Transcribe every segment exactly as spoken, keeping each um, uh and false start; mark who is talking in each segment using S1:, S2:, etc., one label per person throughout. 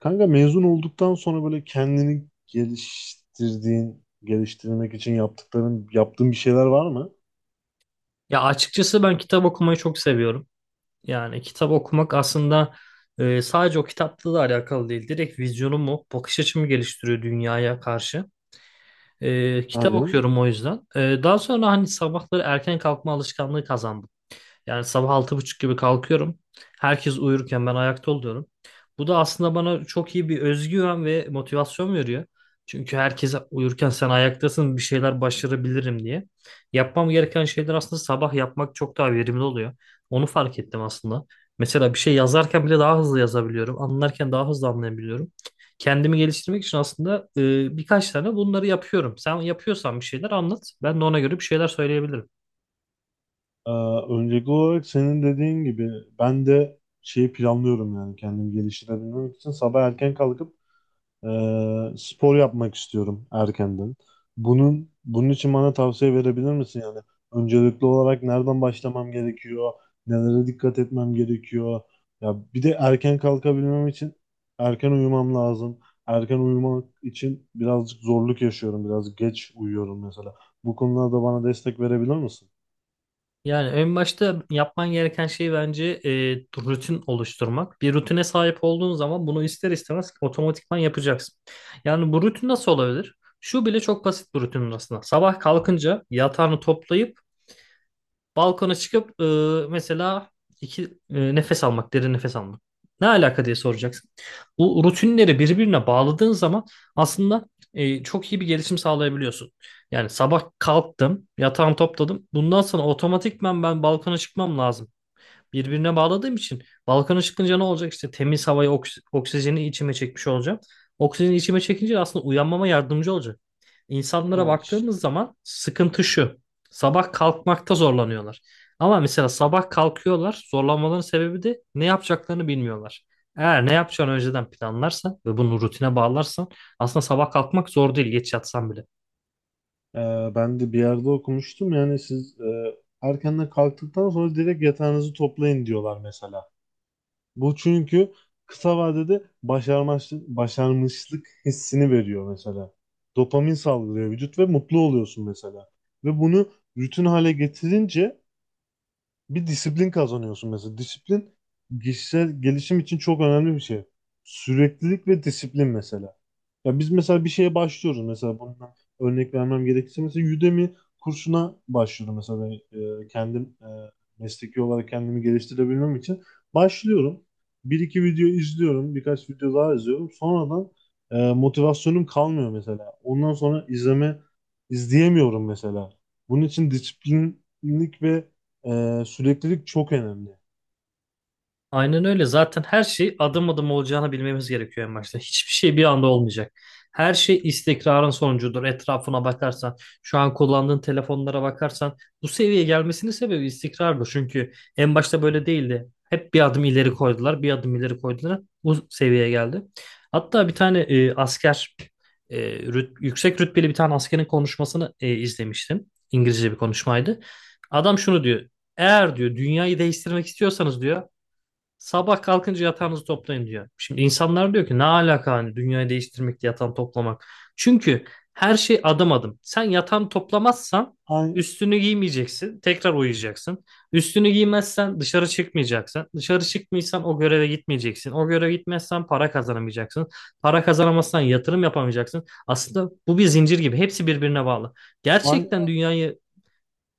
S1: Kanka mezun olduktan sonra böyle kendini geliştirdiğin, geliştirmek için yaptıkların, yaptığın bir şeyler var mı?
S2: Ya açıkçası ben kitap okumayı çok seviyorum. Yani kitap okumak aslında e, sadece o kitapla da alakalı değil. Direkt vizyonumu, bakış açımı geliştiriyor dünyaya karşı. E, kitap
S1: Aynen.
S2: okuyorum o yüzden. E, daha sonra hani sabahları erken kalkma alışkanlığı kazandım. Yani sabah altı buçuk gibi kalkıyorum. Herkes uyurken ben ayakta oluyorum. Bu da aslında bana çok iyi bir özgüven ve motivasyon veriyor. Çünkü herkes uyurken sen ayaktasın bir şeyler başarabilirim diye. Yapmam gereken şeyler aslında sabah yapmak çok daha verimli oluyor. Onu fark ettim aslında. Mesela bir şey yazarken bile daha hızlı yazabiliyorum. Anlarken daha hızlı anlayabiliyorum. Kendimi geliştirmek için aslında e, birkaç tane bunları yapıyorum. Sen yapıyorsan bir şeyler anlat. Ben de ona göre bir şeyler söyleyebilirim.
S1: Ee, Öncelikli olarak senin dediğin gibi ben de şeyi planlıyorum yani kendimi geliştirebilmek için sabah erken kalkıp Ee, spor yapmak istiyorum erkenden. Bunun bunun için bana tavsiye verebilir misin yani? Öncelikli olarak nereden başlamam gerekiyor? Nelere dikkat etmem gerekiyor? Ya bir de erken kalkabilmem için erken uyumam lazım. Erken uyumak için birazcık zorluk yaşıyorum. Biraz geç uyuyorum mesela. Bu konularda bana destek verebilir misin?
S2: Yani en başta yapman gereken şey bence e, rutin oluşturmak. Bir rutine sahip olduğun zaman bunu ister istemez otomatikman yapacaksın. Yani bu rutin nasıl olabilir? Şu bile çok basit bir rutin aslında. Sabah kalkınca yatağını toplayıp balkona çıkıp e, mesela iki e, nefes almak, derin nefes almak. Ne alaka diye soracaksın. Bu rutinleri birbirine bağladığın zaman aslında e, çok iyi bir gelişim sağlayabiliyorsun. Yani sabah kalktım, yatağımı topladım. Bundan sonra otomatikman ben balkona çıkmam lazım birbirine bağladığım için Balkan'a çıkınca ne olacak? İşte temiz havayı, oks- oksijeni içime çekmiş olacağım. Oksijeni içime çekince aslında uyanmama yardımcı olacak. İnsanlara
S1: Ha, ş-
S2: baktığımız zaman sıkıntı şu. Sabah kalkmakta zorlanıyorlar. Ama mesela sabah kalkıyorlar. Zorlanmaların sebebi de ne yapacaklarını bilmiyorlar. Eğer ne yapacağını önceden planlarsan ve bunu rutine bağlarsan aslında sabah kalkmak zor değil geç yatsan bile.
S1: e, ben de bir yerde okumuştum yani siz e, erkenden kalktıktan sonra direkt yatağınızı toplayın diyorlar mesela. Bu çünkü kısa vadede başarmışlık, başarmışlık hissini veriyor mesela. Dopamin salgılıyor vücut ve mutlu oluyorsun mesela. Ve bunu rutin hale getirince bir disiplin kazanıyorsun mesela. Disiplin kişisel gelişim için çok önemli bir şey. Süreklilik ve disiplin mesela. Ya biz mesela bir şeye başlıyoruz mesela bundan örnek vermem gerekirse mesela Udemy kursuna başlıyorum mesela ben, e, kendim e, mesleki olarak kendimi geliştirebilmem için başlıyorum. Bir iki video izliyorum, birkaç video daha izliyorum. Sonradan e, motivasyonum kalmıyor mesela. Ondan sonra izleme izleyemiyorum mesela. Bunun için disiplinlik ve ee, süreklilik çok önemli.
S2: Aynen öyle. Zaten her şey adım adım olacağını bilmemiz gerekiyor en başta. Hiçbir şey bir anda olmayacak. Her şey istikrarın sonucudur. Etrafına bakarsan, şu an kullandığın telefonlara bakarsan bu seviyeye gelmesinin sebebi istikrardır. Çünkü en başta böyle değildi. Hep bir adım ileri koydular, bir adım ileri koydular. Bu seviyeye geldi. Hatta bir tane e, asker, e, rüt- yüksek rütbeli bir tane askerin konuşmasını e, izlemiştim. İngilizce bir konuşmaydı. Adam şunu diyor. Eğer diyor dünyayı değiştirmek istiyorsanız diyor sabah kalkınca yatağınızı toplayın diyor. Şimdi insanlar diyor ki ne alaka hani dünyayı değiştirmek yatağını toplamak. Çünkü her şey adım adım. Sen yatağını toplamazsan
S1: Ay-
S2: üstünü giymeyeceksin. Tekrar uyuyacaksın. Üstünü giymezsen dışarı çıkmayacaksın. Dışarı çıkmıyorsan o göreve gitmeyeceksin. O göreve gitmezsen para kazanamayacaksın. Para kazanamazsan yatırım yapamayacaksın. Aslında bu bir zincir gibi. Hepsi birbirine bağlı. Gerçekten
S1: ay-
S2: dünyayı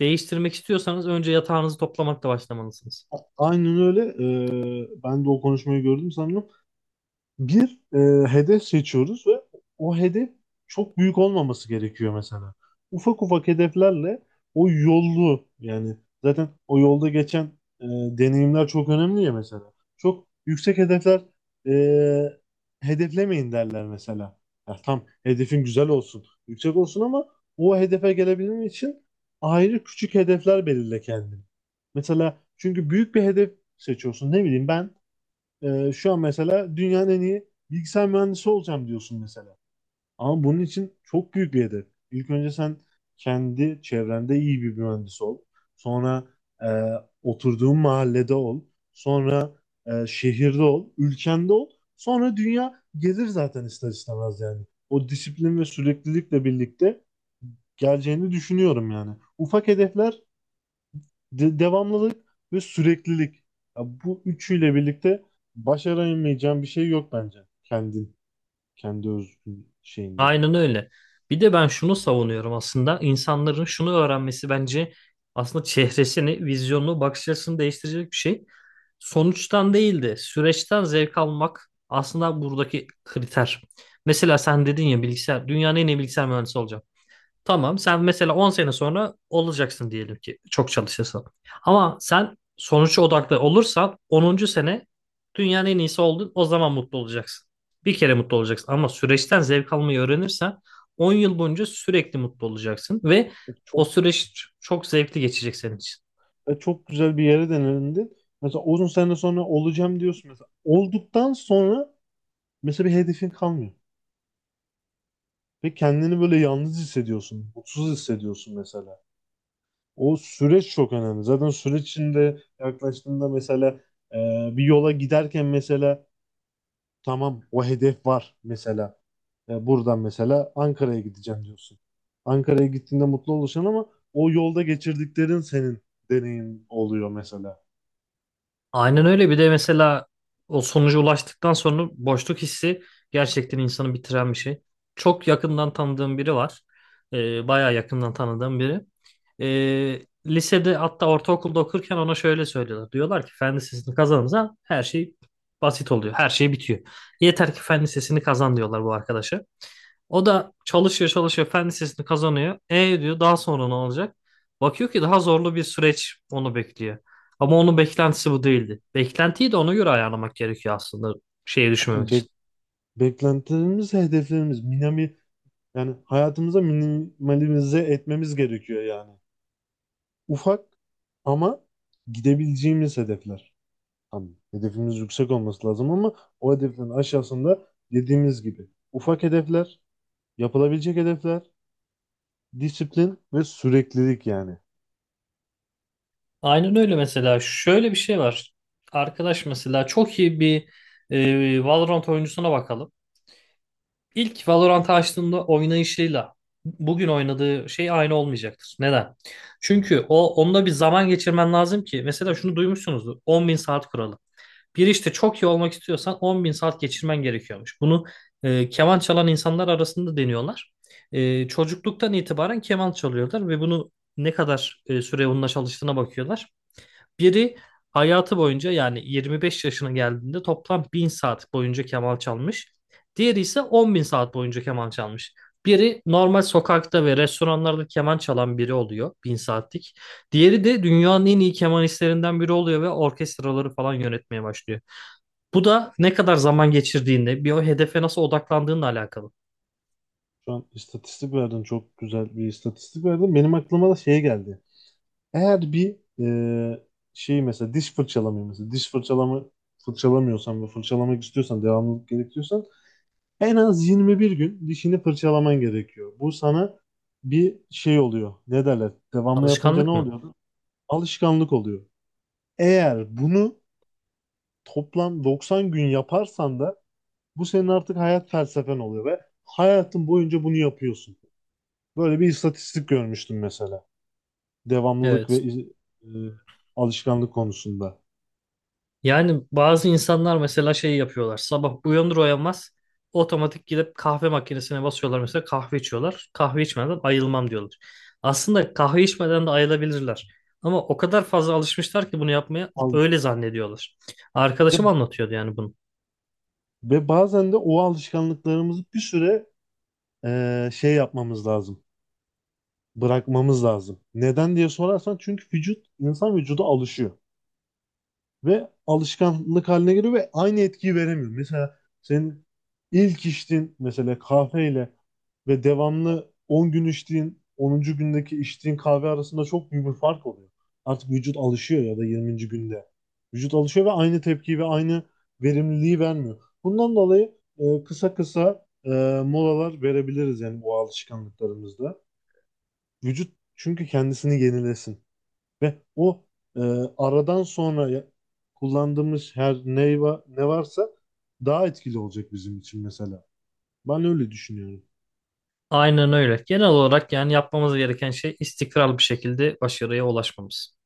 S2: değiştirmek istiyorsanız önce yatağınızı toplamakla başlamalısınız.
S1: Aynen öyle. Ee, ben de o konuşmayı gördüm sanırım. Bir e, hedef seçiyoruz ve o hedef çok büyük olmaması gerekiyor mesela. Ufak ufak hedeflerle o yolu yani zaten o yolda geçen e, deneyimler çok önemli ya mesela. Çok yüksek hedefler e, hedeflemeyin derler mesela. Ya tam hedefin güzel olsun, yüksek olsun ama o hedefe gelebilmen için ayrı küçük hedefler belirle kendine. Mesela çünkü büyük bir hedef seçiyorsun. Ne bileyim ben ee, şu an mesela dünyanın en iyi bilgisayar mühendisi olacağım diyorsun mesela. Ama bunun için çok büyük bir hedef. İlk önce sen kendi çevrende iyi bir mühendis ol. Sonra e, oturduğun mahallede ol. Sonra e, şehirde ol. Ülkende ol. Sonra dünya gelir zaten ister istemez yani. O disiplin ve süreklilikle birlikte geleceğini düşünüyorum yani. Ufak hedefler de- devamlılık ve süreklilik. Ya bu üçüyle birlikte başaramayacağın bir şey yok bence. Kendin, kendi özgün şeyinde.
S2: Aynen öyle. Bir de ben şunu savunuyorum aslında. İnsanların şunu öğrenmesi bence aslında çehresini, vizyonunu, bakış açısını değiştirecek bir şey. Sonuçtan değil de süreçten zevk almak aslında buradaki kriter. Mesela sen dedin ya bilgisayar, dünyanın en iyi bilgisayar mühendisi olacağım. Tamam sen mesela on sene sonra olacaksın diyelim ki çok çalışırsan. Ama sen sonuç odaklı olursan onuncu sene dünyanın en iyisi oldun o zaman mutlu olacaksın. Bir kere mutlu olacaksın ama süreçten zevk almayı öğrenirsen on yıl boyunca sürekli mutlu olacaksın ve
S1: E
S2: o
S1: Çok
S2: süreç çok zevkli geçecek senin için.
S1: e çok güzel bir yere denendin. Mesela uzun sene sonra olacağım diyorsun mesela. Olduktan sonra mesela bir hedefin kalmıyor. Ve kendini böyle yalnız hissediyorsun, mutsuz hissediyorsun mesela. O süreç çok önemli. Zaten süreç içinde yaklaştığında mesela e, bir yola giderken mesela. Tamam, o hedef var mesela. E, buradan mesela Ankara'ya gideceğim diyorsun. Ankara'ya gittiğinde mutlu olacaksın ama o yolda geçirdiklerin senin deneyim oluyor mesela.
S2: Aynen öyle. Bir de mesela o sonuca ulaştıktan sonra boşluk hissi gerçekten insanı bitiren bir şey. Çok yakından tanıdığım biri var. Ee, bayağı yakından tanıdığım biri. Ee, lisede hatta ortaokulda okurken ona şöyle söylüyorlar. Diyorlar ki fen lisesini kazanınca her şey basit oluyor. Her şey bitiyor. Yeter ki fen lisesini kazan diyorlar bu arkadaşa. O da çalışıyor çalışıyor fen lisesini kazanıyor. E diyor daha sonra ne olacak? Bakıyor ki daha zorlu bir süreç onu bekliyor. Ama onun beklentisi bu değildi. Beklentiyi de ona göre ayarlamak gerekiyor aslında şeye düşmemek
S1: Yani
S2: için.
S1: bek- beklentilerimiz, hedeflerimiz, minimi yani hayatımıza minimalize etmemiz gerekiyor yani. Ufak ama gidebileceğimiz hedefler. Tamam. Hedefimiz yüksek olması lazım ama o hedeflerin aşağısında dediğimiz gibi ufak hedefler, yapılabilecek hedefler. Disiplin ve süreklilik yani.
S2: Aynen öyle mesela şöyle bir şey var. Arkadaş mesela çok iyi bir e, Valorant oyuncusuna bakalım. İlk Valorant'ı açtığında oynayışıyla bugün oynadığı şey aynı olmayacaktır. Neden? Çünkü o onunla bir zaman geçirmen lazım ki mesela şunu duymuşsunuzdur on bin saat kuralı. Bir işte çok iyi olmak istiyorsan on bin saat geçirmen gerekiyormuş. Bunu e, keman çalan insanlar arasında deniyorlar. E, çocukluktan itibaren keman çalıyorlar ve bunu ne kadar e, süre onunla çalıştığına bakıyorlar. Biri hayatı boyunca yani yirmi beş yaşına geldiğinde toplam bin saat boyunca keman çalmış. Diğeri ise on bin saat boyunca keman çalmış. Biri normal sokakta ve restoranlarda keman çalan biri oluyor bin saatlik. Diğeri de dünyanın en iyi kemanistlerinden biri oluyor ve orkestraları falan yönetmeye başlıyor. Bu da ne kadar zaman geçirdiğinle, bir o hedefe nasıl odaklandığınla alakalı.
S1: Şu an istatistik verdin, çok güzel bir istatistik verdin. Benim aklıma da şey geldi. Eğer bir e, şey mesela diş fırçalamayı mesela diş fırçalama fırçalamıyorsan ve fırçalamak istiyorsan devamlılık gerekiyorsan en az yirmi bir gün dişini fırçalaman gerekiyor. Bu sana bir şey oluyor. Ne derler? Devamlı yapınca ne
S2: Alışkanlık mı?
S1: oluyordu? Alışkanlık oluyor. Eğer bunu toplam doksan gün yaparsan da bu senin artık hayat felsefen oluyor ve hayatın boyunca bunu yapıyorsun. Böyle bir istatistik görmüştüm mesela. Devamlılık
S2: Evet.
S1: ve iz- e, alışkanlık konusunda.
S2: Yani bazı insanlar mesela şey yapıyorlar. Sabah uyanır uyanmaz otomatik gidip kahve makinesine basıyorlar mesela kahve içiyorlar. Kahve içmeden ayılmam diyorlar. Aslında kahve içmeden de ayılabilirler. Ama o kadar fazla alışmışlar ki bunu yapmaya
S1: Al-
S2: öyle zannediyorlar.
S1: ve,
S2: Arkadaşım anlatıyordu yani bunu.
S1: ve bazen de o alışkanlıklarımızı bir süre e, şey yapmamız lazım. Bırakmamız lazım. Neden diye sorarsan çünkü vücut, insan vücudu alışıyor. Ve alışkanlık haline geliyor ve aynı etkiyi veremiyor. Mesela senin ilk içtiğin mesela kahveyle ve devamlı on gün içtiğin onuncu gündeki içtiğin kahve arasında çok büyük bir fark oluyor. Artık vücut alışıyor ya da yirminci günde. Vücut alışıyor ve aynı tepkiyi ve aynı verimliliği vermiyor. Bundan dolayı e, kısa kısa e, molalar verebiliriz yani bu alışkanlıklarımızda. Vücut çünkü kendisini yenilesin. Ve o e, aradan sonra ya- kullandığımız her ne, va- ne varsa daha etkili olacak bizim için mesela. Ben öyle düşünüyorum.
S2: Aynen öyle. Genel olarak yani yapmamız gereken şey istikrarlı bir şekilde başarıya ulaşmamız.